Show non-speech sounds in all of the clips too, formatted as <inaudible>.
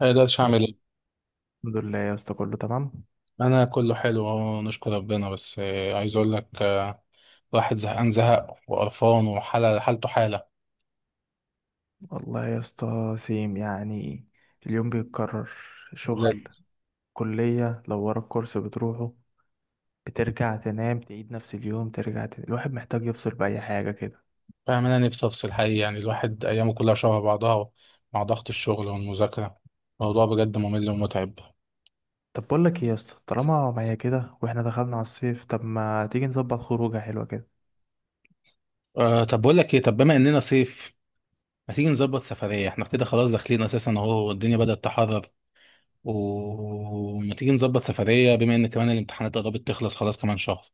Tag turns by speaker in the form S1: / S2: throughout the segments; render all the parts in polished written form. S1: ما اقدرش
S2: إيه،
S1: اعمل ايه؟
S2: الحمد لله يا اسطى كله تمام.
S1: انا كله حلو اهو، نشكر ربنا. بس عايز اقول لك، الواحد زهقان زهق وقرفان وحاله حالته حاله.
S2: والله يا اسطى سيم، يعني اليوم بيتكرر. شغل،
S1: بجد،
S2: كلية، لو ورا الكورس بتروحه بترجع تنام، تعيد نفس اليوم ترجع تنام. الواحد محتاج يفصل بأي حاجة كده.
S1: فاهم؟ انا نفسي افصل حقيقي، يعني الواحد ايامه كلها شبه بعضها مع ضغط الشغل والمذاكره، الموضوع بجد ممل ومتعب.
S2: طب بقول لك ايه يا اسطى، طالما معايا كده واحنا دخلنا على الصيف، طب ما تيجي نظبط خروجة حلوة كده.
S1: طب بقول لك ايه، طب بما اننا صيف، ما تيجي نظبط سفريه؟ احنا كده خلاص داخلين اساسا اهو، والدنيا بدات تحرر. وما تيجي نظبط سفريه بما ان كمان الامتحانات قربت تخلص، خلاص كمان شهر.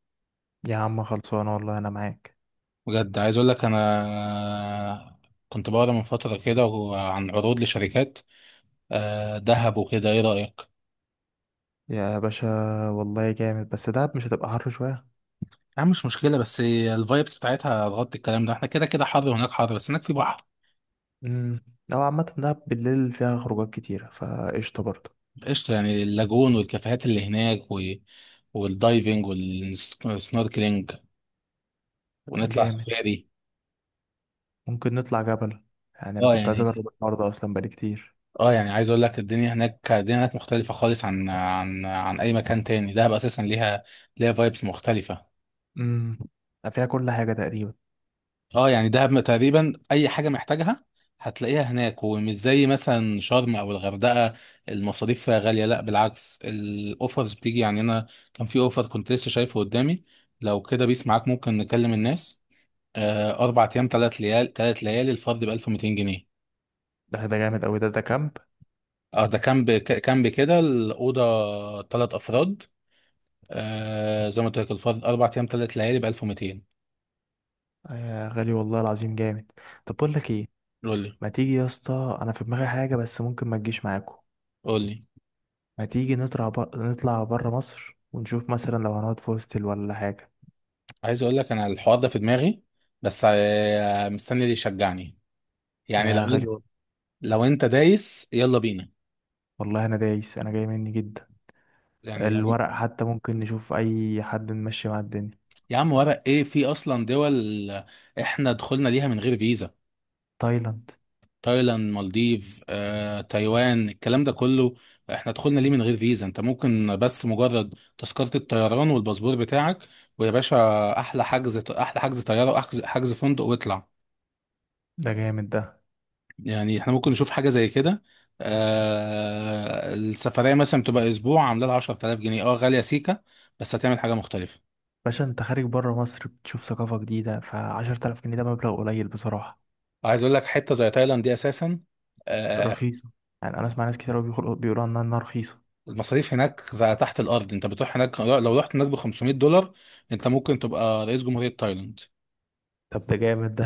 S2: يا عم خلصانة والله انا معاك.
S1: بجد، عايز اقول لك انا كنت بقرا من فتره كده عن عروض لشركات، دهب وكده، ايه رايك؟
S2: يا باشا والله جامد، بس دهب مش هتبقى حر شوية؟
S1: يا عم مش مشكله، بس الفايبس بتاعتها هتغطي الكلام ده. احنا كده كده حر، وهناك حر، بس هناك في بحر.
S2: امم، لو عامة دهب بالليل فيها خروجات كتيرة فقشطة برضه.
S1: قشطه، يعني اللاجون والكافيهات اللي هناك والدايفنج والسنوركلينج، ونطلع
S2: جامد.
S1: سفاري.
S2: ممكن نطلع جبل، يعني انا
S1: اه
S2: كنت عايز
S1: يعني
S2: اجرب الحوار ده اصلا بقالي كتير.
S1: اه يعني عايز اقول لك الدنيا هناك، مختلفه خالص عن اي مكان تاني. دهب اساسا ليها، فايبس مختلفه.
S2: امم، فيها كل حاجه تقريبا.
S1: اه يعني دهب تقريبا اي حاجه محتاجها هتلاقيها هناك، ومش زي مثلا شرم او الغردقه. المصاريف فيها غاليه؟ لا، بالعكس، الاوفرز بتيجي. يعني انا كان في اوفر كنت لسه شايفه قدامي، لو كده بيس معاك ممكن نكلم الناس. 4 ايام، 3 ليالي، الفرد ب 1200 جنيه.
S2: ده جامد قوي، ده كامب.
S1: اه ده كامب. كامب كده، الاوضه 3 افراد. زي ما قلت لك، الفرد 4 ايام 3 ليالي ب 1200.
S2: يا غالي والله العظيم جامد. طب بقول لك ايه.
S1: قول لي،
S2: ما تيجي يا اسطى، انا في دماغي حاجه بس ممكن ما تجيش معاكم.
S1: قول لي،
S2: ما تيجي نطلع بره مصر ونشوف مثلا، لو هنقعد في هوستل ولا حاجه.
S1: عايز اقول لك انا الحوار ده في دماغي، بس مستني اللي يشجعني. يعني لو
S2: يا غالي
S1: انت،
S2: وال-
S1: دايس يلا بينا.
S2: والله انا دايس، انا جاي مني جدا.
S1: يعني لو انت.
S2: الورق حتى ممكن نشوف اي حد نمشي مع الدنيا.
S1: يا عم، ورق ايه في اصلا؟ دول احنا دخلنا ليها من غير فيزا.
S2: تايلاند.
S1: تايلاند، مالديف، تايوان، الكلام ده كله احنا دخلنا ليه من غير فيزا. انت ممكن بس مجرد تذكرة الطيران والباسبور بتاعك، ويا باشا، احلى حجز طيارة، واحجز فندق، واطلع.
S2: ده جامد ده.
S1: يعني احنا ممكن نشوف حاجة زي كده. السفرية مثلا بتبقى أسبوع، عاملة لها 10000 جنيه. اه غالية سيكة، بس هتعمل حاجة مختلفة.
S2: باشا انت خارج بره مصر بتشوف ثقافة جديدة، فعشرة آلاف جنيه ده مبلغ قليل بصراحة.
S1: وعايز أقول لك، حتة زي تايلاند دي أساسا، آه
S2: رخيصة، يعني أنا أسمع ناس كتير أوي بيقولوا عنها إنها رخيصة.
S1: المصاريف هناك تحت الأرض. أنت بتروح هناك، لو رحت هناك ب 500 دولار أنت ممكن تبقى رئيس جمهورية تايلاند.
S2: طب ده جامد ده.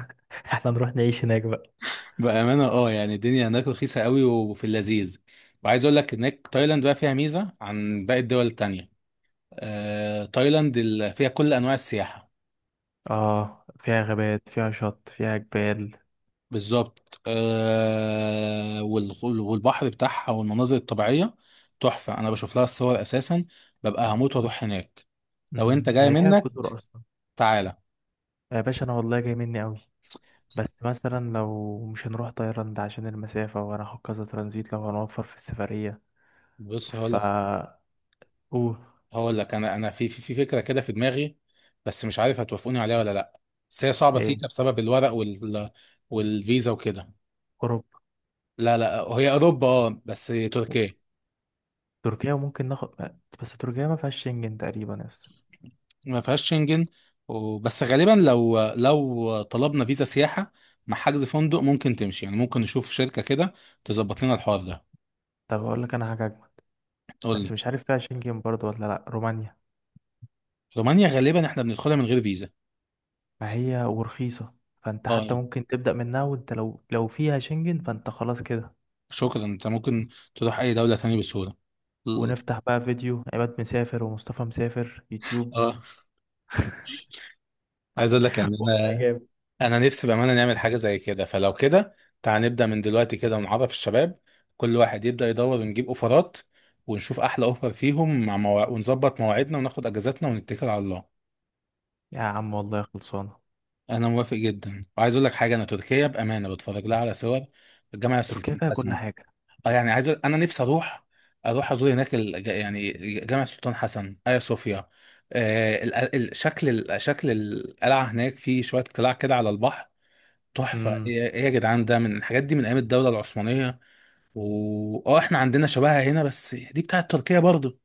S2: <laughs> احنا نروح نعيش هناك بقى.
S1: بأمانة، يعني الدنيا هناك رخيصة قوي وفي اللذيذ. وعايز أقول لك هناك، تايلاند بقى فيها ميزة عن باقي الدول التانية. تايلاند فيها كل أنواع السياحة.
S2: اه، فيها غابات، فيها شط، فيها جبال.
S1: بالظبط، والبحر بتاعها والمناظر الطبيعية تحفة. أنا بشوف لها الصور أساسا، ببقى هموت وأروح هناك. لو أنت
S2: مم،
S1: جاي
S2: هي ليها
S1: منك،
S2: جزر أصلا؟
S1: تعالى.
S2: يا باشا أنا والله جاي مني أوي، بس مثلا لو مش هنروح تايلاند عشان المسافة وهناخد كذا ترانزيت لو هنوفر في السفرية.
S1: بص،
S2: فا. أوه.
S1: هقول لك، أنا في فكرة كده في دماغي، بس مش عارف هتوافقوني عليها ولا لأ. بس هي صعبة
S2: إيه؟
S1: سيكا بسبب الورق والفيزا وكده.
S2: أوروبا؟
S1: لا، لا هي أوروبا، بس تركيا،
S2: تركيا ممكن ناخد. بس تركيا ما فيهاش شنجن تقريبا، يس.
S1: ما فيهاش شنجن. بس غالبا، لو طلبنا فيزا سياحة مع حجز فندق ممكن تمشي. يعني ممكن نشوف شركة كده تظبط لنا الحوار ده.
S2: طب اقول لك انا حاجه اجمل.
S1: قول
S2: بس
S1: لي،
S2: مش عارف فيها شنجن برضو ولا لا، رومانيا.
S1: رومانيا غالبا احنا بندخلها من غير فيزا،
S2: فهي ورخيصه، فانت حتى
S1: اه
S2: ممكن تبدا منها. وانت لو فيها شنجن فانت خلاص كده.
S1: شكرا. انت ممكن تروح اي دولة تانية بسهولة.
S2: ونفتح بقى فيديو عماد مسافر ومصطفى مسافر يوتيوب.
S1: اه عايز اقول لك، يعني
S2: <laughs> والله جامد.
S1: انا نفسي بامانه نعمل حاجه زي كده. فلو كده، تعال نبدا من دلوقتي كده ونعرف الشباب، كل واحد يبدا يدور ونجيب اوفرات، ونشوف احلى اوفر فيهم. ونظبط مواعيدنا، وناخد اجازاتنا، ونتكل على الله.
S2: يا عم والله خلصانه.
S1: انا موافق جدا، وعايز اقول لك حاجه. انا تركيا بامانه بتفرج لها على صور الجامع
S2: تركيا
S1: السلطان
S2: فيها كل
S1: حسن.
S2: حاجه.
S1: اه يعني عايز انا نفسي اروح ازور هناك، يعني جامع السلطان حسن، ايا صوفيا. شكل القلعه هناك، في شويه قلاع كده على البحر، تحفه.
S2: امم.
S1: ايه إيه يا جدعان! ده من الحاجات دي من ايام الدوله العثمانيه. و احنا عندنا شبهها هنا، بس دي بتاعت تركيا برضه.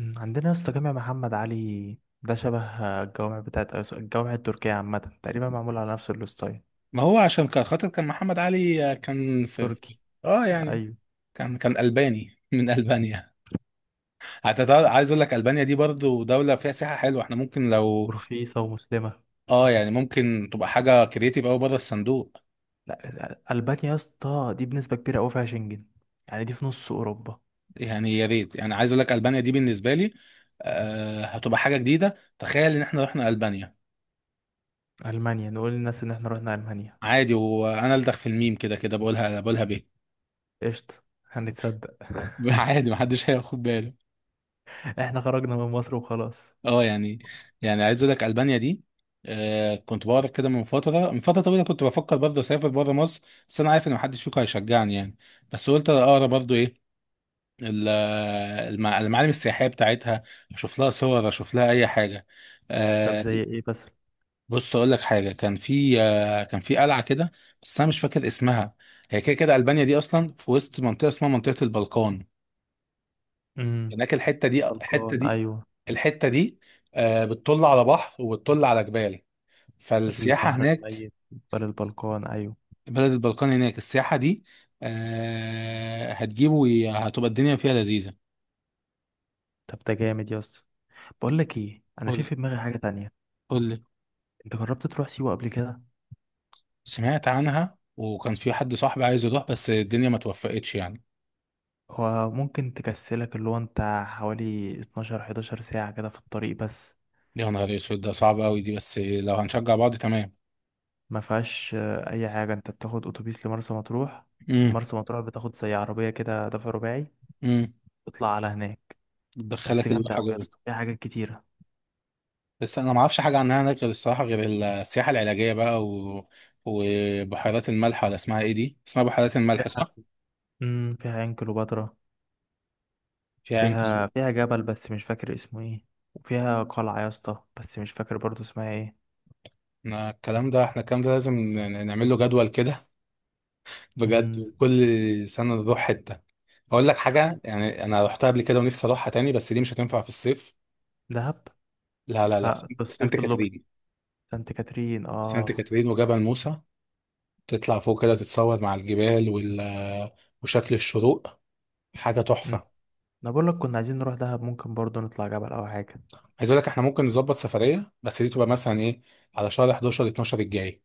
S2: أمم. عندنا يا اسطى جامع محمد علي ده شبه الجوامع بتاعت الجوامع التركيه، عامه تقريبا معمول على نفس الستايل.
S1: ما هو عشان كان خاطر كان محمد علي،
S2: تركي.
S1: اه يعني،
S2: ايوه.
S1: كان الباني من البانيا. عايز اقول لك البانيا دي برضو دوله فيها سياحه حلوه. احنا ممكن لو،
S2: ورخيصه ومسلمه.
S1: اه يعني، ممكن تبقى حاجه كرييتيف قوي بره الصندوق.
S2: لا، ألبانيا يا اسطى دي بنسبة كبيرة أوي فيها شنجن، يعني دي في نص أوروبا.
S1: يعني يا ريت. يعني عايز اقول لك البانيا دي بالنسبه لي، هتبقى حاجه جديده. تخيل ان احنا رحنا البانيا!
S2: ألمانيا، نقول للناس إن إحنا رحنا ألمانيا.
S1: عادي، وانا الدخ في الميم كده كده بقولها، بيه.
S2: قشطة. هنتصدق.
S1: <laughs> عادي محدش هياخد باله.
S2: <laughs> إحنا خرجنا من مصر وخلاص.
S1: اه يعني، عايز اقول لك البانيا دي، كنت بقرا كده من فتره طويله. كنت بفكر برضه اسافر بره مصر، بس انا عارف ان محدش فيكم هيشجعني يعني. بس قلت اقرا برضه ايه ال- المعالم السياحية بتاعتها، أشوف لها صور، أشوف لها أي حاجة،
S2: طب
S1: آه،
S2: زي إيه بس؟
S1: بص أقول لك حاجة. كان في قلعة كده بس أنا مش فاكر اسمها. هي كده كده ألبانيا دي أصلا في وسط منطقة اسمها منطقة البلقان.
S2: امم.
S1: هناك الحتة دي،
S2: البلقان، أيوة.
S1: الحتة دي بتطل على بحر وبتطل على جبال، فالسياحة
S2: البحر
S1: هناك.
S2: الميت، جبال البلقان، أيوة.
S1: بلد البلقان هناك، السياحة دي هتجيبه، هتبقى الدنيا فيها لذيذة.
S2: طب ده جامد يا اسطى. بقول لك إيه، أنا في
S1: قول
S2: في دماغي حاجة تانية.
S1: قول لي.
S2: أنت جربت تروح سيوة قبل كده؟
S1: سمعت عنها، وكان في حد صاحبي عايز يروح بس الدنيا ما توفقتش يعني.
S2: هو ممكن تكسلك، اللي هو أنت حوالي 12 11 ساعة كده في الطريق بس.
S1: يا نهار اسود، ده صعب قوي دي! بس لو هنشجع بعض، تمام.
S2: ما فيهاش اي حاجه، انت بتاخد اتوبيس لمرسى مطروح.
S1: امم
S2: ومرسى مطروح بتاخد زي عربيه كده دفع رباعي.
S1: امم
S2: تطلع على هناك. بس
S1: بتدخلك
S2: جامده
S1: الواحة
S2: قوي يا
S1: جوه.
S2: اسطى، فيها حاجات كتيره.
S1: بس انا ما اعرفش حاجه عنها هناك غير، الصراحه، غير السياحه العلاجيه بقى وبحيرات الملح، ولا اسمها ايه دي، اسمها بحيرات الملح
S2: فيها،
S1: صح؟
S2: امم، فيها عين كليوباترا.
S1: فيها يمكن.
S2: فيها، فيها جبل بس مش فاكر اسمه ايه. وفيها قلعه يا اسطى، بس مش فاكر برضو اسمها ايه.
S1: إحنا الكلام ده احنا الكلام ده لازم نعمل له جدول كده. <laughs> بجد،
S2: امم.
S1: وكل سنه نروح حته. اقول لك حاجه يعني، انا رحتها قبل كده ونفسي اروحها تاني، بس دي مش هتنفع في الصيف.
S2: دهب.
S1: لا، لا، لا،
S2: لا، في
S1: سانت
S2: الصيف اللوكس.
S1: كاترين.
S2: سانت كاترين،
S1: سانت
S2: اه.
S1: كاترين وجبل موسى، تطلع فوق كده تتصور مع الجبال وشكل الشروق. حاجة
S2: مم.
S1: تحفة.
S2: انا بقول لك كنا عايزين نروح دهب، ممكن برضو نطلع جبل او حاجه.
S1: عايز اقول لك احنا ممكن نظبط سفرية، بس دي تبقى مثلا ايه، على شهر 11 12 الجاي.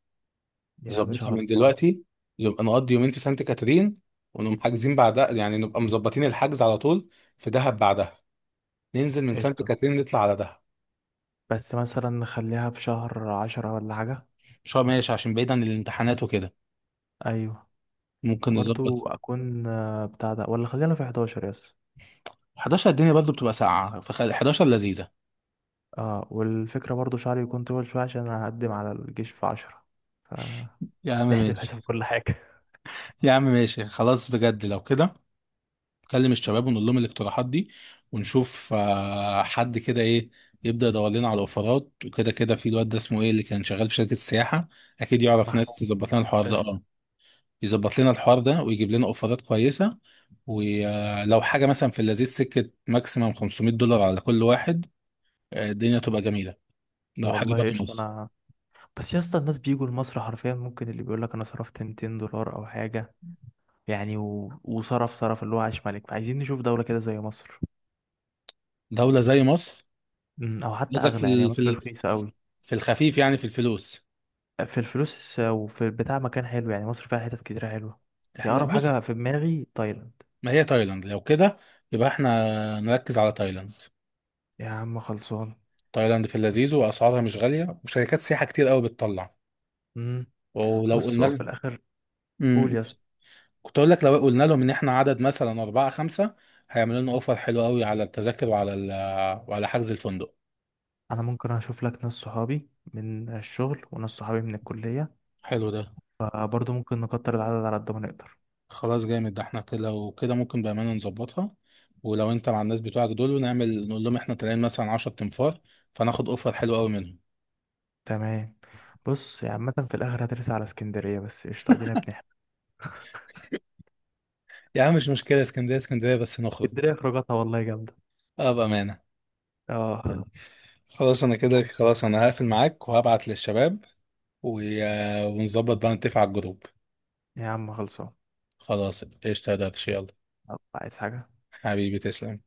S2: يا باشا
S1: نظبطها من
S2: خلصان.
S1: دلوقتي، نبقى نقضي يومين في سانت كاترين، ونقوم حاجزين بعدها. يعني نبقى مظبطين الحجز على طول في دهب بعدها، ننزل من سانت
S2: قشطه،
S1: كاترين نطلع على دهب.
S2: بس مثلا نخليها في شهر عشرة ولا حاجه.
S1: شهر ماشي، عشان بعيد عن الامتحانات وكده،
S2: ايوه.
S1: ممكن
S2: برضو
S1: نظبط
S2: اكون بتاع ده، ولا خلينا في 11، يس؟
S1: 11. الدنيا برضه بتبقى ساقعة، فخلي 11 لذيذة.
S2: اه، والفكرة برضو شعري يكون طويل شوية عشان انا هقدم على الجيش في 10.
S1: يا عم
S2: فنحسب حساب
S1: ماشي،
S2: كل حاجة.
S1: يا عم ماشي، خلاص بجد. لو كده، نكلم الشباب ونقول لهم الاقتراحات دي، ونشوف حد كده ايه، يبدأ يدور لنا على الاوفرات وكده كده. في الواد ده اسمه ايه، اللي كان شغال في شركة السياحة، اكيد
S2: <laughs>
S1: يعرف ناس
S2: محمود.
S1: تظبط لنا الحوار ده،
S2: قشطة.
S1: يظبط لنا الحوار ده ويجيب لنا اوفرات كويسة. ولو حاجة مثلا في اللذيذ سكة، ماكسيمم 500 دولار على كل واحد، الدنيا تبقى جميلة، لو حاجة بره
S2: والله قشطة
S1: مصر.
S2: انا. بس يا اسطى الناس بيجوا لمصر حرفيا، ممكن اللي بيقول لك انا صرفت 200 دولار او حاجة يعني، وصرف اللي هو عاش ملك. فعايزين نشوف دولة كده زي مصر.
S1: دولة زي مصر،
S2: أمم، او حتى
S1: قصدك
S2: اغلى. يعني مصر رخيصة قوي
S1: في الخفيف؟ يعني في الفلوس.
S2: في الفلوس، وفي البتاع مكان حلو، يعني مصر فيها حتت كتيرة حلوة. هي
S1: لا،
S2: اقرب
S1: بص،
S2: حاجة في دماغي تايلاند.
S1: ما هي تايلاند لو كده، يبقى احنا نركز على تايلاند.
S2: يا عم خلصان.
S1: تايلاند في اللذيذ، واسعارها مش غاليه، وشركات سياحه كتير قوي بتطلع.
S2: امم.
S1: ولو
S2: بص
S1: قلنا
S2: هو في
S1: لهم
S2: الاخر. قول
S1: مم.
S2: يا اسطى.
S1: كنت اقول لك، لو قلنا لهم ان احنا عدد مثلا اربعه خمسه، هيعملوا لنا اوفر حلو قوي على التذاكر وعلى حجز الفندق.
S2: انا ممكن اشوف لك ناس صحابي من الشغل وناس صحابي من الكليه،
S1: حلو ده.
S2: فبرضه ممكن نكتر العدد على قد ما نقدر.
S1: خلاص جامد ده، احنا كده لو كده ممكن بامانه نظبطها. ولو انت مع الناس بتوعك دول نقول لهم احنا طالعين مثلا 10 تنفار، فناخد اوفر حلو قوي منهم.
S2: تمام. بص يا عامه في الاخر هترسى على اسكندريه، بس قشطه ادينا بنحكي.
S1: يا عم مش مشكله اسكندريه، اسكندريه بس نخرج.
S2: اسكندريه خروجاتها والله جامده.
S1: اه بامانه.
S2: اه.
S1: خلاص، انا كده،
S2: مم.
S1: خلاص، انا هقفل معاك وهبعت للشباب، و... ونظبط بقى، نتفق على الجروب.
S2: يا عم خلصان.
S1: خلاص قشطة يا درش، يلا.
S2: طب عايز حاجه؟
S1: حبيبي، تسلم.